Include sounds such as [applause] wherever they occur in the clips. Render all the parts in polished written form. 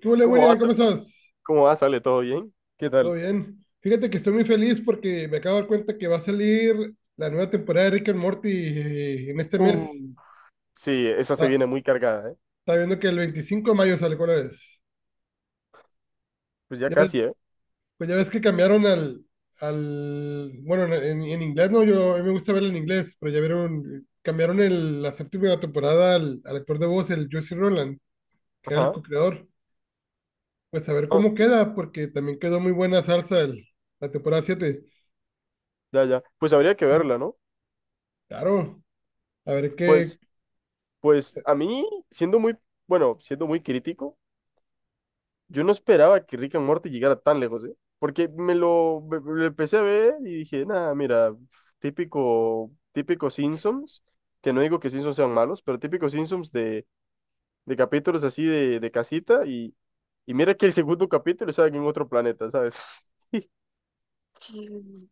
¿Qué huele, ¿Cómo va, William? ¿Cómo Sale? estás? ¿Cómo va? ¿Sale todo bien? ¿Qué ¿Todo tal? bien? Fíjate que estoy muy feliz porque me acabo de dar cuenta que va a salir la nueva temporada de Rick and Morty en este mes. Sí, esa se Ah, viene muy cargada, ¿eh? está viendo que el 25 de mayo sale, ¿cuál es? Pues ya Ya ves- casi, ¿eh? pues ya ves que cambiaron al bueno, en inglés no, yo a mí me gusta verlo en inglés, pero ya vieron, cambiaron la séptima temporada al actor de voz, el Justin Roland, que era el Ajá. co-creador. Pues a ver Ah, cómo queda, porque también quedó muy buena salsa la temporada 7. ya, ya. Pues habría que verla, ¿no? Claro, a ver qué. Pues, pues, a mí, siendo muy, bueno, siendo muy crítico, yo no esperaba que Rick and Morty llegara tan lejos, ¿eh? Porque me lo empecé a ver y dije, nada, mira, típico, típico Simpsons, que no digo que Simpsons sean malos, pero típico Simpsons de capítulos así de casita y mira que el segundo capítulo sale en otro planeta, ¿sabes? [laughs]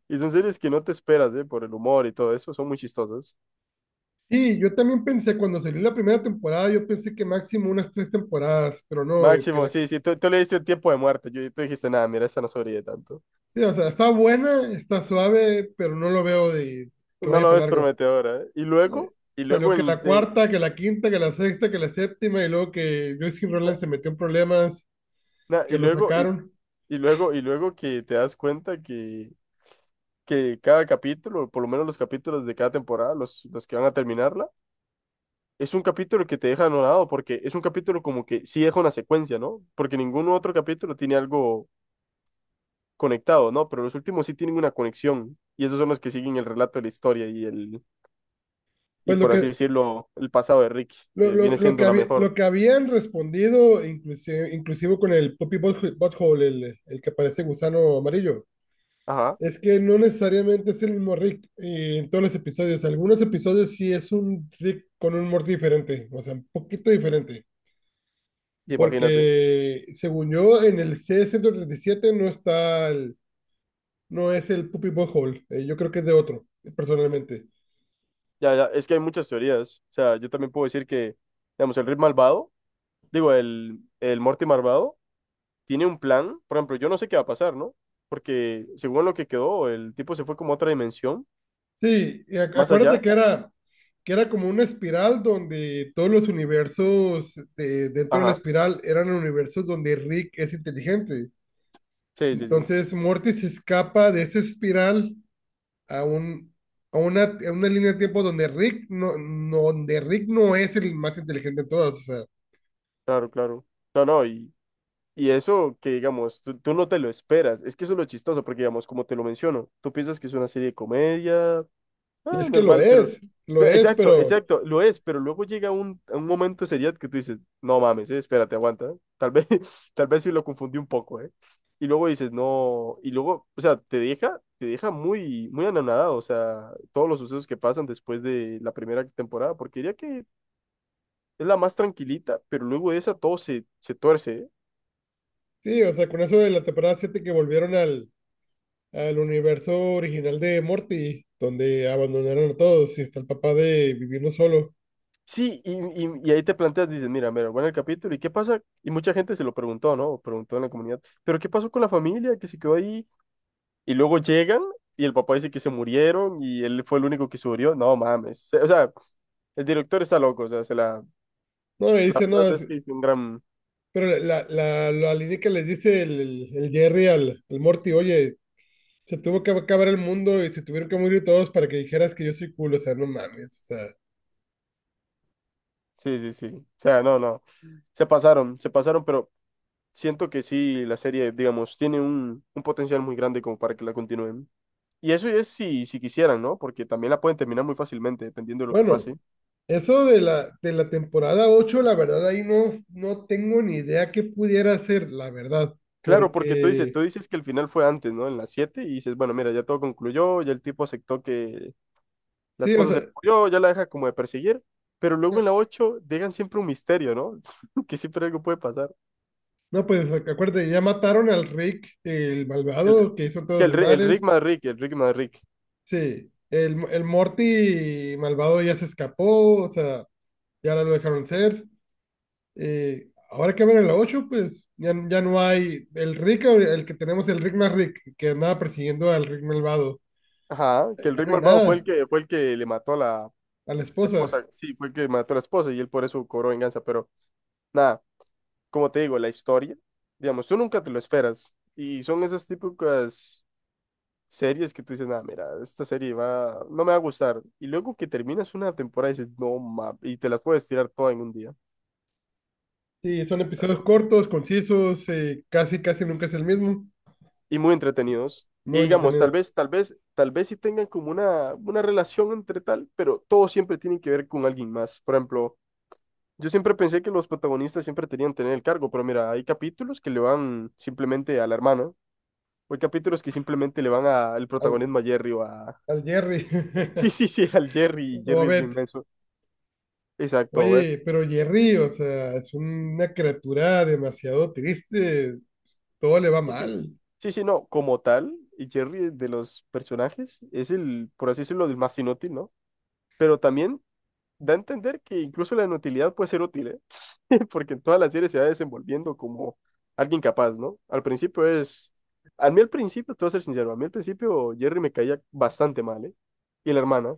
Y son series que no te esperas, ¿eh? Por el humor y todo eso, son muy chistosas. Sí, yo también pensé, cuando salió la primera temporada, yo pensé que máximo unas tres temporadas, pero no, que Máximo, la... sí, sí, tú le diste el tiempo de muerte, tú dijiste, nada, mira, esta no sobrevive tanto. Sí, o sea, está buena, está suave, pero no lo veo de que No vaya lo para ves largo. prometedora, ¿eh? Y Eh, luego, y luego, Salió que en, la de- cuarta, que la quinta, que la sexta, que la séptima, y luego que Justin Roland se metió en problemas, na- que y lo luego, y, sacaron. Y luego que te das cuenta que cada capítulo, por lo menos los capítulos de cada temporada, los que van a terminarla, es un capítulo que te deja anonadado, porque es un capítulo como que sí deja una secuencia, ¿no? Porque ningún otro capítulo tiene algo conectado, ¿no? Pero los últimos sí tienen una conexión y esos son los que siguen el relato de la historia y Pues lo por así que, decirlo, el pasado de Rick, que viene lo que siendo la había, lo mejor. que habían respondido, inclusive, inclusive con el Poppy Butthole, el que parece gusano amarillo. Ajá, Es que no necesariamente es el mismo Rick en todos los episodios. Algunos episodios sí es un Rick con un Morty diferente, o sea, un poquito diferente. imagínate. Porque según yo, en el C-137 no es el Puppy Butthole. Yo creo que es de otro, personalmente. Ya, ya, es que hay muchas teorías. O sea, yo también puedo decir que, digamos, el Rick malvado, digo, el Morty malvado, tiene un plan. Por ejemplo, yo no sé qué va a pasar, ¿no? Porque según lo que quedó, el tipo se fue como a otra dimensión, Sí, y más acuérdate allá. Que era como una espiral donde todos los universos dentro de la Ajá, espiral eran universos donde Rick es inteligente. sí, sí, sí, Entonces Morty se escapa de esa espiral a un, a una línea de tiempo donde Rick no, no, donde Rick no es el más inteligente de todos, o sea, claro, claro. No, no, y eso que, digamos, tú no te lo esperas. Es que eso es lo chistoso, porque, digamos, como te lo menciono, tú piensas que es una serie de comedia, y ah, es que normal, pero... lo es, Exacto, pero exacto, lo es, pero luego llega un momento de seriedad que tú dices, no mames, espérate, aguanta. Tal vez, [laughs] tal vez sí lo confundí un poco, ¿eh? Y luego dices, no, y luego, o sea, te deja muy, muy anonadado, o sea, todos los sucesos que pasan después de la primera temporada, porque diría que es la más tranquilita, pero luego de esa todo se tuerce. sí, o sea, con eso de la temporada 7 que volvieron al universo original de Morty, donde abandonaron a todos y está el papá de vivirlo solo. Sí, y ahí te planteas, dices, mira, mira, bueno, el capítulo, ¿y qué pasa? Y mucha gente se lo preguntó, ¿no? O preguntó en la comunidad, ¿pero qué pasó con la familia que se quedó ahí? Y luego llegan y el papá dice que se murieron y él fue el único que sobrevivió. No mames. O sea, el director está loco, o sea, se la... No, y La dice, no, verdad es- es que hizo un gran... pero la línea que les dice el Jerry al Morty, oye, se tuvo que acabar el mundo y se tuvieron que morir todos para que dijeras que yo soy cool, o sea, no mames, o sea, Sí, sí, sí. O sea, no, no. Se pasaron, pero siento que sí, la serie, digamos, tiene un potencial muy grande como para que la continúen. Y eso es si quisieran, ¿no? Porque también la pueden terminar muy fácilmente, dependiendo de lo que bueno. pase. Eso de de la temporada ocho, la verdad, ahí no, no tengo ni idea qué pudiera ser, la verdad, Claro, porque tú dices, porque, tú dices que el final fue antes, ¿no? En las 7 y dices, bueno, mira, ya todo concluyó, ya el tipo aceptó que la sí, o esposa se sea, murió, ya la deja como de perseguir, pero luego no, en la 8 dejan siempre un misterio, ¿no? [laughs] Que siempre algo puede pasar. no, pues acuérdate, ya mataron al Rick, el El, malvado que hizo todo el el mares, Rick más Rick, el Rick más Rick. sí, el Morty malvado ya se escapó, o sea, ya lo dejaron ser, ahora que ven en la 8 pues ya, ya no hay el Rick, ahora- el que tenemos, el Rick más Rick, que andaba persiguiendo al Rick malvado, Ajá, que el ya Rick no hay malvado fue el nada, que fue el que le mató a la a la esposa. esposa, sí, fue el que mató a la esposa y él por eso cobró venganza, pero nada, como te digo, la historia, digamos, tú nunca te lo esperas y son esas típicas series que tú dices, nada, mira, esta serie va, no me va a gustar. Y luego que terminas una temporada dices, no mames, y te las puedes tirar todas en un día. Sí, son episodios Eso. cortos, concisos, casi, casi nunca es el mismo. Y muy entretenidos. Y Muy digamos, tal entretenido. vez, tal vez, tal vez sí tengan como una relación entre tal, pero todos siempre tienen que ver con alguien más. Por ejemplo, yo siempre pensé que los protagonistas siempre tenían que tener el cargo, pero mira, hay capítulos que le van simplemente a la hermana, o hay capítulos que simplemente le van a al Al, protagonismo a Jerry o a... [laughs] al Jerry Sí, sí, [laughs] sí, al Jerry, y o a Jerry es Beth. bien menso. Exacto, Oye, pero Jerry, o sea, es una criatura demasiado triste. Todo le va sí, sí. mal. Sí, sí, no, como tal, y Jerry de los personajes es el, por así decirlo, el más inútil, ¿no? Pero también da a entender que incluso la inutilidad puede ser útil, ¿eh? [laughs] Porque en toda la serie se va desenvolviendo como alguien capaz, ¿no? A mí al principio, te voy a ser sincero, a mí al principio Jerry me caía bastante mal, ¿eh? Y la hermana,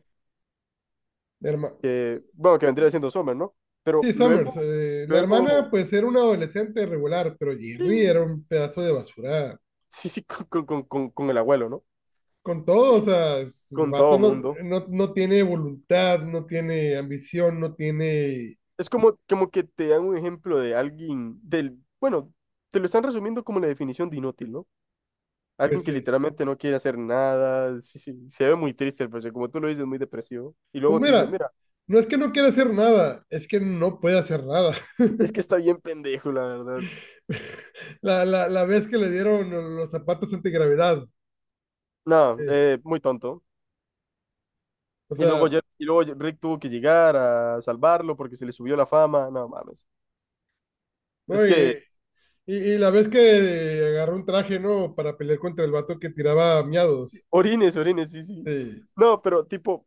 La herma- que, bueno, que vendría siendo Summer, ¿no? Pero Sí, Summers. luego, La hermana, luego, pues, era una adolescente regular, pero sí, Jerry era [laughs] un pedazo de basura. sí, sí, con el abuelo, ¿no? Con todo, o Y sea, es- el con vato todo no, mundo. no, no tiene voluntad, no tiene ambición, no tiene, Es como que te dan un ejemplo de alguien bueno, te lo están resumiendo como la definición de inútil, ¿no? Alguien pues, que literalmente no quiere hacer nada, sí, sí, se ve muy triste, pero como tú lo dices, muy depresivo. Y pues luego te dices, mira, mira, no es que no quiera hacer nada, es que no puede hacer nada. es que está bien pendejo, la verdad. [laughs] La vez que le dieron los zapatos antigravedad, No, eh, muy tonto. o Y luego, sea, y luego Rick tuvo que llegar a salvarlo porque se le subió la fama. No mames. Es no, y, que y la vez que agarró un traje, ¿no? Para pelear contra el vato que tiraba miados, orines, orines, sí, sí. sí, No, pero tipo,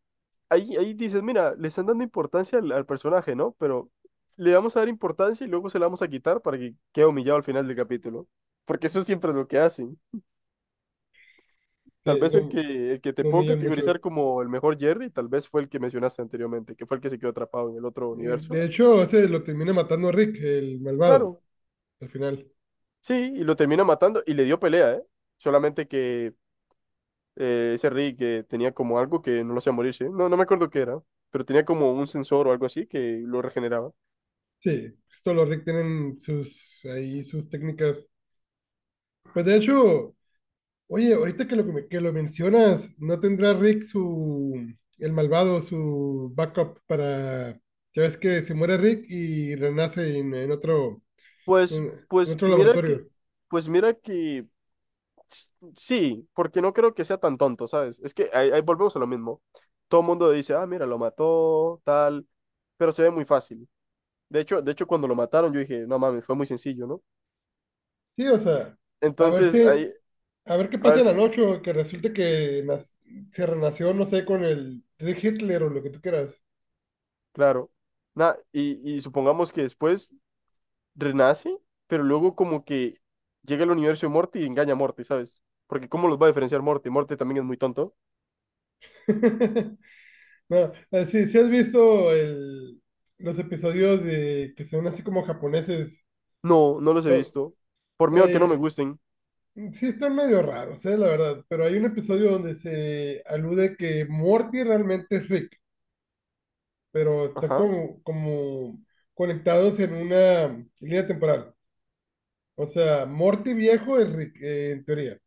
ahí dices, mira, le están dando importancia al, al personaje, ¿no? Pero le vamos a dar importancia y luego se la vamos a quitar para que quede humillado al final del capítulo. Porque eso siempre es lo que hacen. Tal sí, vez el no, que, el que te no puedo humillan mucho. categorizar como el mejor Jerry, tal vez fue el que mencionaste anteriormente, que fue el que se quedó atrapado en el otro universo. De hecho, ese lo termina matando Rick, el malvado, Claro, al final. sí, y lo termina matando y le dio pelea, ¿eh? Solamente que ese Rey que tenía como algo que no lo hacía morirse. No, no me acuerdo qué era, pero tenía como un sensor o algo así que lo regeneraba. Sí, pues, todos los Rick tienen sus, ahí sus técnicas. Pues de hecho... Oye, ahorita que lo mencionas, ¿no tendrá Rick su, el malvado, su backup para, ya ves que se muere Rick y renace Pues, en, en pues otro mira que, laboratorio? pues mira que s- sí, porque no creo que sea tan tonto, ¿sabes? Es que ahí volvemos a lo mismo. Todo el mundo dice, ah, mira, lo mató, tal, pero se ve muy fácil. De hecho, cuando lo mataron, yo dije, no mames, fue muy sencillo, ¿no? Sí, o sea, a ver Entonces, si, ahí, a ver qué a pasa ver en la si, noche, o que resulte que nas- se renació, no sé, con el Rick Hitler o lo que tú quieras. claro. Nah, y supongamos que después renace, pero luego como que llega al universo de Morty y engaña a Morty, ¿sabes? Porque ¿cómo los va a diferenciar Morty? Morty también es muy tonto. [laughs] No, sí, sí has visto los episodios de que son así como japoneses. No, no los he Son- visto. Por miedo a que no me eh, gusten. sí, están medio raros, la verdad, pero hay un episodio donde se alude que Morty realmente es Rick, pero está Ajá, como, como conectados en una línea temporal. O sea, Morty viejo es Rick, en teoría,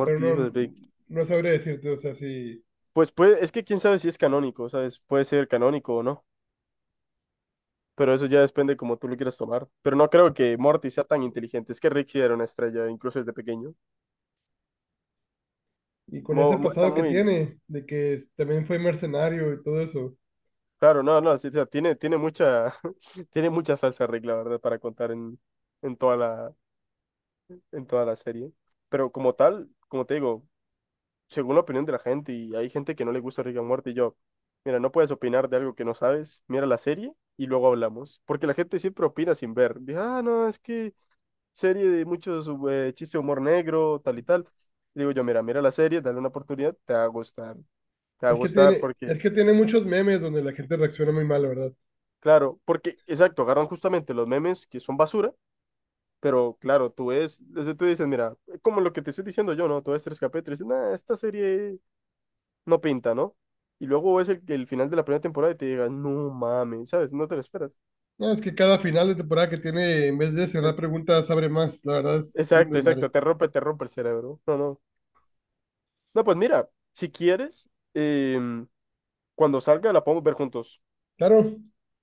pero hijo de no, Rick. no sabría decirte, o sea, si, Pues puede, es que quién sabe si es canónico, ¿sabes? Puede ser canónico o no. Pero eso ya depende como tú lo quieras tomar. Pero no creo que Morty sea tan inteligente. Es que Rick sí era una estrella, incluso desde pequeño. y con ese Era pasado que muy... tiene, de que también fue mercenario y todo eso, Claro, no, no, sí, o sea, tiene mucha, [laughs] tiene mucha salsa Rick, la verdad, para contar en toda la, en toda la serie. Pero como tal, como te digo, según la opinión de la gente, y hay gente que no le gusta Rick and Morty, y yo, mira, no puedes opinar de algo que no sabes, mira la serie y luego hablamos. Porque la gente siempre opina sin ver. Dice, ah, no, es que serie de muchos chistes de humor negro, tal y tal. Y digo yo, mira, mira la serie, dale una oportunidad, te va a gustar. Te va a gustar porque, es que tiene muchos memes donde la gente reacciona muy mal, la verdad. claro, porque, exacto, agarran justamente los memes que son basura. Pero claro, tú ves, desde tú dices, mira, como lo que te estoy diciendo yo, ¿no? Tú ves 3KP, te dices, nah, esta serie no pinta, ¿no? Y luego es el final de la primera temporada y te digas, no mames, ¿sabes? No te lo esperas. No, es que cada final de temporada que tiene, en vez de Eh, cerrar preguntas, abre más, la verdad es un Exacto, exacto, desmadre. Te rompe el cerebro. No, no. No, pues mira, si quieres, em, cuando salga la podemos ver juntos. Claro,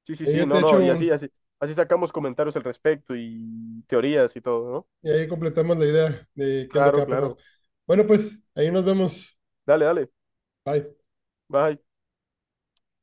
Sí, sí, ahí sí, yo no, te no, echo y así, un, así, así sacamos comentarios al respecto y teorías y todo, ¿no? y ahí completamos la idea de qué es lo que Claro, va a pasar. claro. Bueno, pues ahí nos vemos. Dale, dale. Bye. Bye.